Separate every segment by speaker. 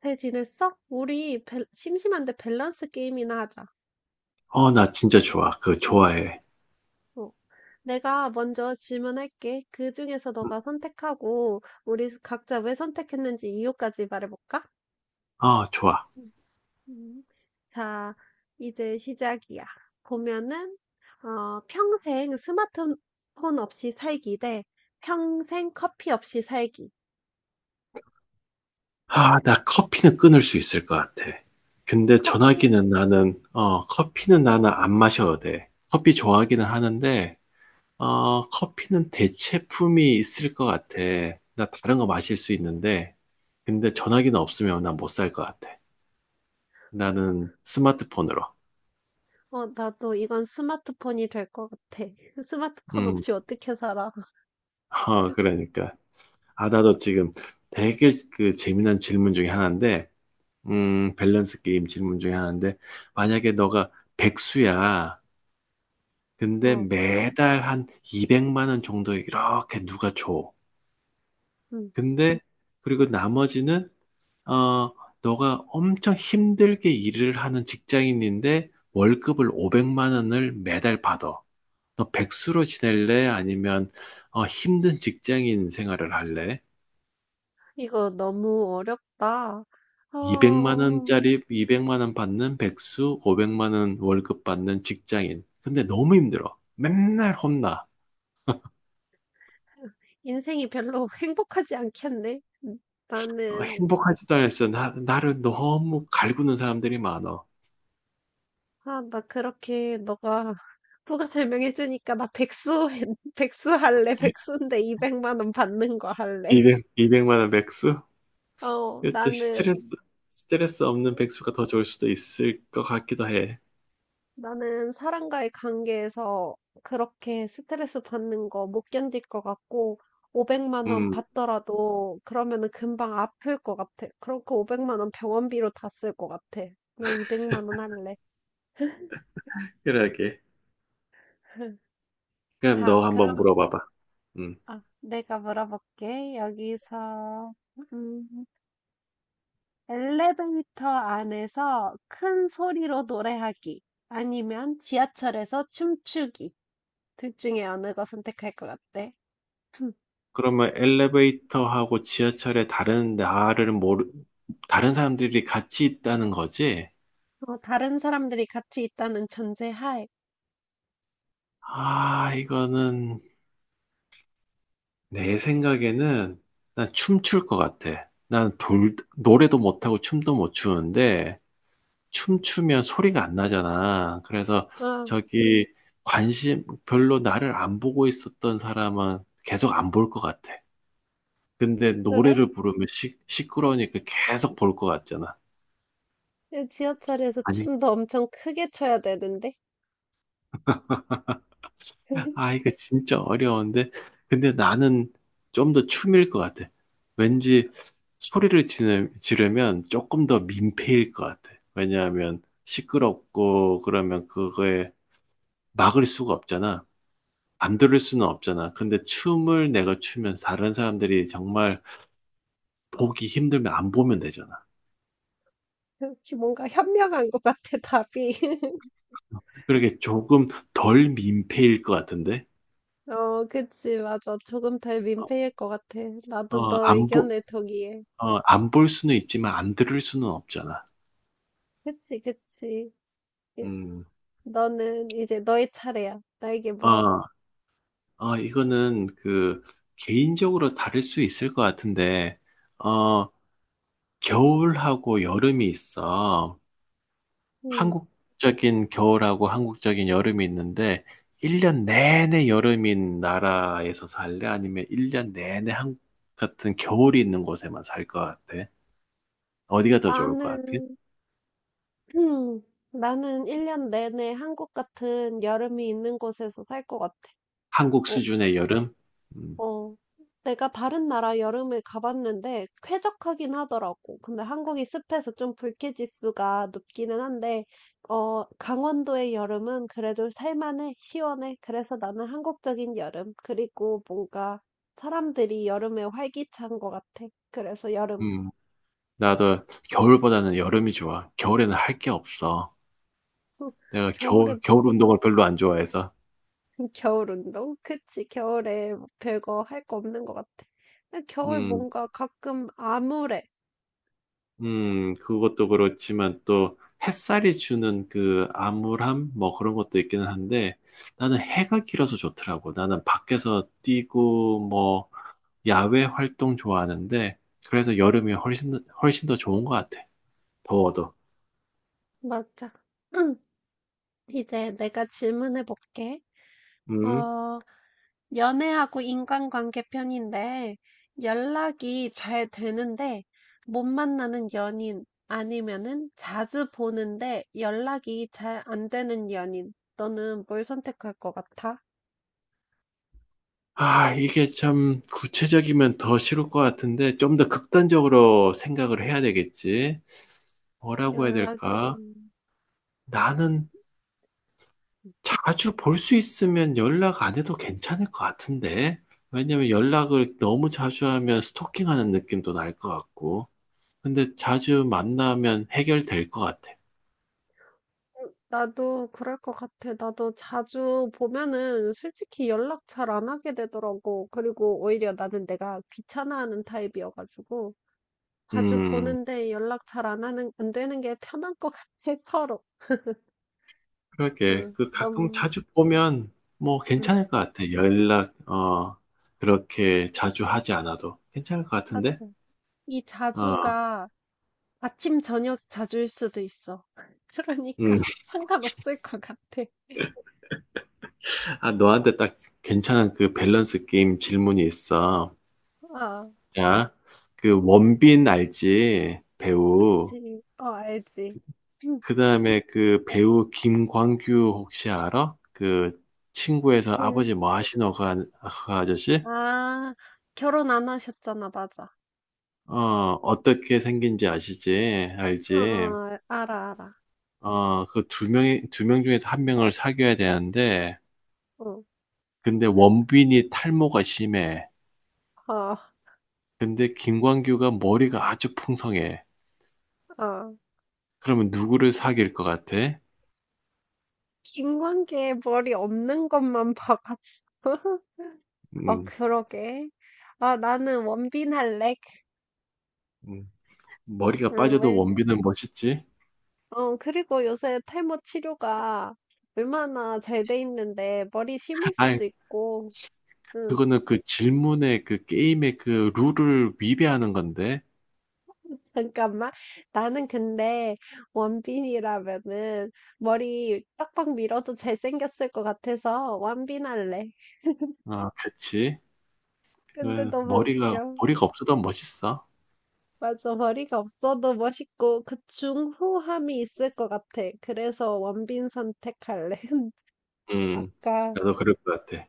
Speaker 1: 잘 지냈어? 우리 심심한데 밸런스 게임이나 하자.
Speaker 2: 어, 나 진짜 좋아. 그거 좋아해.
Speaker 1: 어. 내가 먼저 질문할게. 그 중에서
Speaker 2: 음,
Speaker 1: 너가 선택하고 우리 각자 왜 선택했는지 이유까지 말해볼까?
Speaker 2: 어 좋아.
Speaker 1: 음, 음. 자, 이제 시작이야. 보면은 어, 평생 스마트폰 없이 살기 대 평생 커피 없이 살기.
Speaker 2: 아, 나 커피는 끊을 수 있을 것 같아. 근데
Speaker 1: 커피?
Speaker 2: 전화기는 커피는 나는 안 마셔도 돼. 커피 좋아하기는 하는데, 커피는 대체품이 있을 것 같아. 나 다른 거 마실 수 있는데, 근데 전화기는 없으면 난 못 살 것 같아. 나는 스마트폰으로.
Speaker 1: 어, 나도 이건 스마트폰이 될 것 같아. 스마트폰
Speaker 2: 음,
Speaker 1: 없이 어떻게 살아?
Speaker 2: 어, 그러니까. 아, 나도 지금 되게 그 재미난 질문 중에 하나인데, 밸런스 게임 질문 중에 하나인데, 만약에 너가 백수야. 근데
Speaker 1: 어,
Speaker 2: 매달 한 200만 원 정도 이렇게 누가 줘.
Speaker 1: 음,
Speaker 2: 근데, 그리고 나머지는, 어, 너가 엄청 힘들게 일을 하는 직장인인데, 월급을 500만 원을 매달 받아. 너 백수로 지낼래? 아니면, 힘든 직장인 생활을 할래?
Speaker 1: 이거 너무 어렵다.
Speaker 2: 200만
Speaker 1: 어,
Speaker 2: 원짜리 200만 원 받는 백수, 500만 원 월급 받는 직장인. 근데 너무 힘들어. 맨날 혼나.
Speaker 1: 인생이 별로 행복하지 않겠네. 음, 나는,
Speaker 2: 행복하지도 않았어. 나를 너무 갈구는 사람들이 많아.
Speaker 1: 아, 나 그렇게 너가 누가 설명해주니까 나 백수, 백수 할래. 백수인데 200만 원 받는 거 할래.
Speaker 2: 200만 원 백수?
Speaker 1: 어,
Speaker 2: 진짜 스트레스,
Speaker 1: 나는
Speaker 2: 스트레스 없는 백수가 더 좋을 수도 있을 것 같기도 해.
Speaker 1: 나는 사람과의 관계에서 그렇게 스트레스 받는 거 못 견딜 것 같고, 500만 원
Speaker 2: 음,
Speaker 1: 받더라도 그러면은 금방 아플 것 같아. 그러니까 500만 원 병원비로 다 쓸 것 같아. 나 200만 원 할래.
Speaker 2: 그러게. 그럼
Speaker 1: 자,
Speaker 2: 너 한번
Speaker 1: 그럼
Speaker 2: 물어봐봐. 음.
Speaker 1: 아, 내가 물어볼게. 여기서 음, 엘리베이터 안에서 큰 소리로 노래하기 아니면 지하철에서 춤추기 둘 중에 어느 거 선택할 것 같아?
Speaker 2: 그러면 엘리베이터하고 지하철에 다른 사람들이 같이 있다는 거지?
Speaker 1: 어, 다른 사람들이 같이 있다는 전제하에.
Speaker 2: 아, 이거는 내 생각에는 난 춤출 것 같아. 난 노래도 못하고 춤도 못 추는데 춤추면 소리가 안 나잖아. 그래서
Speaker 1: 아,
Speaker 2: 저기 관심 별로 나를 안 보고 있었던 사람은 계속 안 볼 것 같아. 근데
Speaker 1: 그래?
Speaker 2: 노래를 부르면 시끄러우니까 계속 볼 것 같잖아.
Speaker 1: 지하철에서
Speaker 2: 아니,
Speaker 1: 춤도 엄청 크게 춰야 되는데?
Speaker 2: 아, 이거 진짜 어려운데. 근데 나는 좀 더 춤일 것 같아. 왠지 소리를 지르면 조금 더 민폐일 것 같아. 왜냐하면 시끄럽고 그러면 그거에 막을 수가 없잖아. 안 들을 수는 없잖아. 근데 춤을 내가 추면 다른 사람들이 정말 보기 힘들면 안 보면 되잖아.
Speaker 1: 이렇게 뭔가 현명한 것 같아, 답이.
Speaker 2: 그렇게 조금 덜 민폐일 것 같은데?
Speaker 1: 어, 그치, 맞아. 조금 덜 민폐일 것 같아. 나도
Speaker 2: 어,
Speaker 1: 너
Speaker 2: 안 보,
Speaker 1: 의견에 동의해.
Speaker 2: 어, 안 볼 수는 있지만 안 들을 수는 없잖아.
Speaker 1: 그치, 그치. 이-
Speaker 2: 음,
Speaker 1: 너는 이제 너의 차례야. 나에게 물어봐.
Speaker 2: 어, 아, 이거는 그 개인적으로 다를 수 있을 것 같은데, 어, 겨울하고 여름이 있어.
Speaker 1: 음.
Speaker 2: 한국적인 겨울하고 한국적인 여름이 있는데, 1년 내내 여름인 나라에서 살래? 아니면 1년 내내 한국 같은 겨울이 있는 곳에만 살 것 같아? 어디가 더 좋을 것 같아?
Speaker 1: 나는, 나는 1년 내내 한국 같은 여름이 있는 곳에서 살 것 같아.
Speaker 2: 한국
Speaker 1: 어,
Speaker 2: 수준의 여름? 음,
Speaker 1: 어. 내가 다른 나라 여름을 가봤는데 쾌적하긴 하더라고. 근데 한국이 습해서 좀 불쾌지수가 높기는 한데, 어, 강원도의 여름은 그래도 살만해, 시원해. 그래서 나는 한국적인 여름. 그리고 뭔가 사람들이 여름에 활기찬 것 같아. 그래서 여름.
Speaker 2: 음, 나도 겨울보다는 여름이 좋아. 겨울에는 할 게 없어. 내가 겨울,
Speaker 1: 겨울에
Speaker 2: 겨울 운동을 별로 안 좋아해서.
Speaker 1: 겨울 운동? 그치, 겨울에 뭐 별거 할거 없는 것 같아. 근데 겨울
Speaker 2: 음,
Speaker 1: 뭔가 가끔 암울해.
Speaker 2: 그것도 그렇지만 또 햇살이 주는 그 암울함 뭐 그런 것도 있기는 한데 나는 해가 길어서 좋더라고. 나는 밖에서 뛰고 뭐 야외 활동 좋아하는데 그래서 여름이 훨씬 더 좋은 것 같아. 더워도.
Speaker 1: 맞아. 응. 이제 내가 질문해 볼게.
Speaker 2: 음.
Speaker 1: 어, 연애하고 인간관계 편인데 연락이 잘 되는데 못 만나는 연인 아니면은 자주 보는데 연락이 잘 안 되는 연인. 너는 뭘 선택할 것 같아?
Speaker 2: 아, 이게 참 구체적이면 더 싫을 것 같은데 좀 더 극단적으로 생각을 해야 되겠지. 뭐라고 해야
Speaker 1: 연락이.
Speaker 2: 될까? 나는 자주 볼 수 있으면 연락 안 해도 괜찮을 것 같은데. 왜냐면 연락을 너무 자주 하면 스토킹하는 느낌도 날 것 같고. 근데 자주 만나면 해결될 것 같아.
Speaker 1: 어, 나도 그럴 것 같아. 나도 자주 보면은 솔직히 연락 잘 안 하게 되더라고. 그리고 오히려 나는 내가 귀찮아하는 타입이어가지고 자주
Speaker 2: 음,
Speaker 1: 보는데 연락 잘 안 하는 안 되는 게 편한 것 같아 서로.
Speaker 2: 그러게.
Speaker 1: 응,
Speaker 2: 그 가끔
Speaker 1: 너무
Speaker 2: 자주 보면 뭐
Speaker 1: 응,
Speaker 2: 괜찮을 것 같아. 그렇게 자주 하지 않아도 괜찮을 것 같은데?
Speaker 1: 맞아. 이
Speaker 2: 어,
Speaker 1: 자주가 아침 저녁 자주일 수도 있어.
Speaker 2: 음.
Speaker 1: 그러니까 상관없을 것 같아.
Speaker 2: 아, 너한테 딱 괜찮은 그 밸런스 게임 질문이 있어.
Speaker 1: 아,
Speaker 2: 자, 그 원빈 알지? 배우.
Speaker 1: 그치. 어, 알지. 음.
Speaker 2: 그다음에 그 배우 김광규 혹시 알아? 그 친구에서 아버지
Speaker 1: 음.
Speaker 2: 뭐 하시노 그 아저씨?
Speaker 1: 아, 결혼 안 하셨잖아, 맞아.
Speaker 2: 어, 어떻게 생긴지 아시지?
Speaker 1: 어,
Speaker 2: 알지?
Speaker 1: 어, 알아, 알아.
Speaker 2: 어, 그 두 명 중에서 한 명을 사귀어야 되는데
Speaker 1: 어,
Speaker 2: 근데 원빈이 탈모가 심해.
Speaker 1: 어,
Speaker 2: 근데 김광규가 머리가 아주 풍성해.
Speaker 1: 어.
Speaker 2: 그러면 누구를 사귈 것 같아?
Speaker 1: 인관계에 머리 없는 것만 봐가지고. 어,
Speaker 2: 음,
Speaker 1: 그러게. 아, 나는 원빈 할래.
Speaker 2: 음. 머리가
Speaker 1: 응,
Speaker 2: 빠져도
Speaker 1: 웬,
Speaker 2: 원빈은 멋있지?
Speaker 1: 어, 그리고 요새 탈모 치료가 얼마나 잘 돼 있는데 머리 심을
Speaker 2: 아,
Speaker 1: 수도 있고. 응,
Speaker 2: 그거는 그 질문의 그 게임의 그 룰을 위배하는 건데.
Speaker 1: 잠깐만. 나는 근데 원빈이라면은 머리 빡빡 밀어도 잘생겼을 것 같아서 원빈 할래.
Speaker 2: 아, 그치.
Speaker 1: 근데
Speaker 2: 그
Speaker 1: 너무
Speaker 2: 머리가,
Speaker 1: 웃겨.
Speaker 2: 머리가 없어도 멋있어.
Speaker 1: 맞아, 머리가 없어도 멋있고 그 중후함이 있을 것 같아. 그래서 원빈 선택할래.
Speaker 2: 음,
Speaker 1: 아까,
Speaker 2: 나도 그럴 것 같아.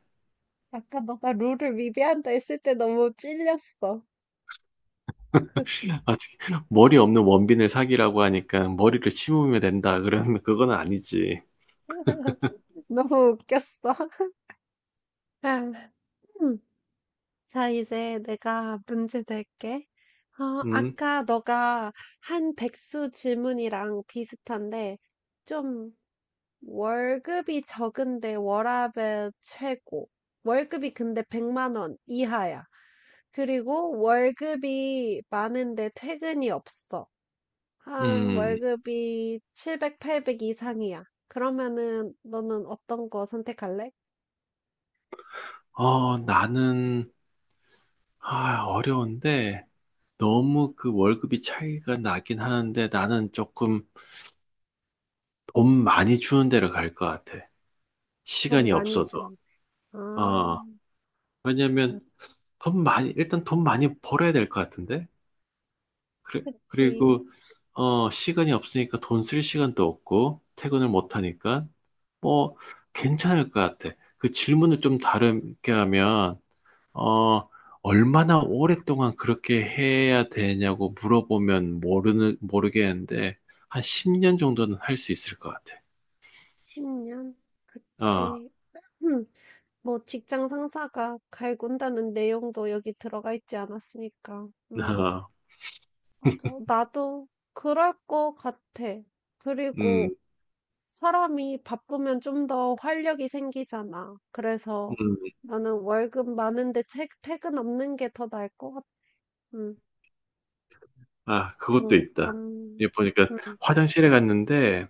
Speaker 1: 아까 너가 룰을 위배한다 했을 때 너무 찔렸어.
Speaker 2: 아, 특히 머리 없는 원빈을 사귀라고 하니까 머리를 심으면 된다. 그러면 그건 아니지.
Speaker 1: 너무 웃겼어. 아, 음. 자, 이제 내가 문제 낼게. 어,
Speaker 2: 음,
Speaker 1: 아까 너가 한 백수 질문이랑 비슷한데, 좀 월급이 적은데 워라밸 최고. 월급이 근데 100만 원 이하야. 그리고 월급이 많은데 퇴근이 없어. 한
Speaker 2: 음.
Speaker 1: 월급이 700, 800 이상이야. 그러면은 너는 어떤 거 선택할래?
Speaker 2: 어, 나는, 어려운데, 너무 그 월급이 차이가 나긴 하는데, 나는 조금 돈 많이 주는 데로 갈 것 같아.
Speaker 1: 돈
Speaker 2: 시간이
Speaker 1: 많이
Speaker 2: 없어도.
Speaker 1: 주는. 아,
Speaker 2: 어,
Speaker 1: 맞아.
Speaker 2: 왜냐면 돈 많이 일단 돈 많이 벌어야 될 것 같은데. 그래,
Speaker 1: 그치.
Speaker 2: 그리고 시간이 없으니까 돈 쓸 시간도 없고 퇴근을 못 하니까 뭐 괜찮을 것 같아. 그 질문을 좀 다르게 하면 어 얼마나 오랫동안 그렇게 해야 되냐고 물어보면 모르는 모르겠는데 한 10년 정도는 할 수 있을 것 같아.
Speaker 1: 10년?
Speaker 2: 어,
Speaker 1: 그치. 뭐 직장 상사가 갈군다는 내용도 여기 들어가 있지 않았으니까.
Speaker 2: 어,
Speaker 1: 맞아. 나도 그럴 것 같아.
Speaker 2: 음,
Speaker 1: 그리고 사람이 바쁘면 좀 더 활력이 생기잖아. 그래서
Speaker 2: 음,
Speaker 1: 나는 월급 많은데 퇴근 없는 게 더 나을 것 같아. 음,
Speaker 2: 아, 그것도 있다.
Speaker 1: 잠깐.
Speaker 2: 이 보니까
Speaker 1: 음,
Speaker 2: 화장실에 갔는데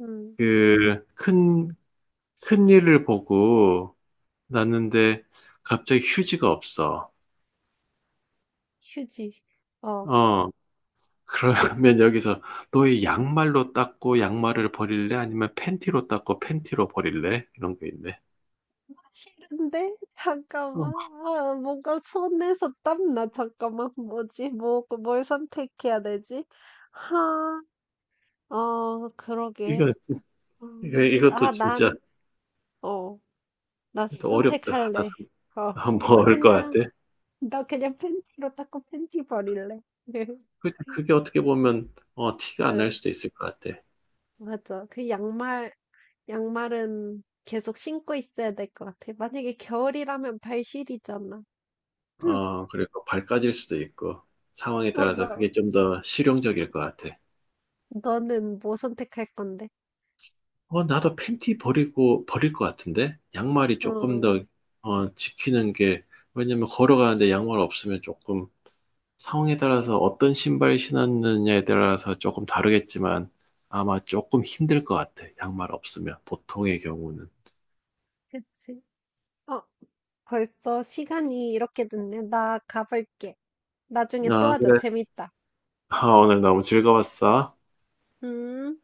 Speaker 1: 음,
Speaker 2: 그, 큰, 큰 일을 보고 났는데 갑자기 휴지가 없어.
Speaker 1: 휴지. 어.
Speaker 2: 어, 그러면 여기서 너의 양말로 닦고 양말을 버릴래? 아니면 팬티로 닦고 팬티로 버릴래? 이런 게 있네.
Speaker 1: 싫은데?
Speaker 2: 어,
Speaker 1: 잠깐만. 아, 뭔가 손에서 땀나. 잠깐만. 뭐지? 뭐, 뭘 선택해야 되지? 하, 어, 그러게.
Speaker 2: 이거, 이것도
Speaker 1: 아,
Speaker 2: 진짜
Speaker 1: 난, 어, 나
Speaker 2: 또 어렵다.
Speaker 1: 선택할래.
Speaker 2: 하다
Speaker 1: 어, 나
Speaker 2: 뭐것 같아.
Speaker 1: 그냥, 나 그냥 팬티로 닦고 팬티 버릴래.
Speaker 2: 그게 어떻게 보면 티가 안 날
Speaker 1: 응,
Speaker 2: 수도 있을 것 같아.
Speaker 1: 맞아. 그 양말, 양말은 계속 신고 있어야 될 것 같아. 만약에 겨울이라면 발시리잖아. 응,
Speaker 2: 어, 그리고 발까질 수도 있고 상황에
Speaker 1: 어,
Speaker 2: 따라서
Speaker 1: 너,
Speaker 2: 그게 좀 더 실용적일 것 같아.
Speaker 1: 너는 뭐 선택할 건데?
Speaker 2: 어, 나도 팬티 버릴 것 같은데? 양말이 조금 더,
Speaker 1: 어,
Speaker 2: 지키는 게, 왜냐면 걸어가는데 양말 없으면 조금 상황에 따라서 어떤 신발 신었느냐에 따라서 조금 다르겠지만 아마 조금 힘들 것 같아. 양말 없으면, 보통의 경우는.
Speaker 1: 그치. 어, 벌써 시간이 이렇게 됐네. 나 가볼게. 나중에 또
Speaker 2: 아,
Speaker 1: 하자.
Speaker 2: 그래.
Speaker 1: 재밌다.
Speaker 2: 아, 오늘 너무 즐거웠어.
Speaker 1: 음.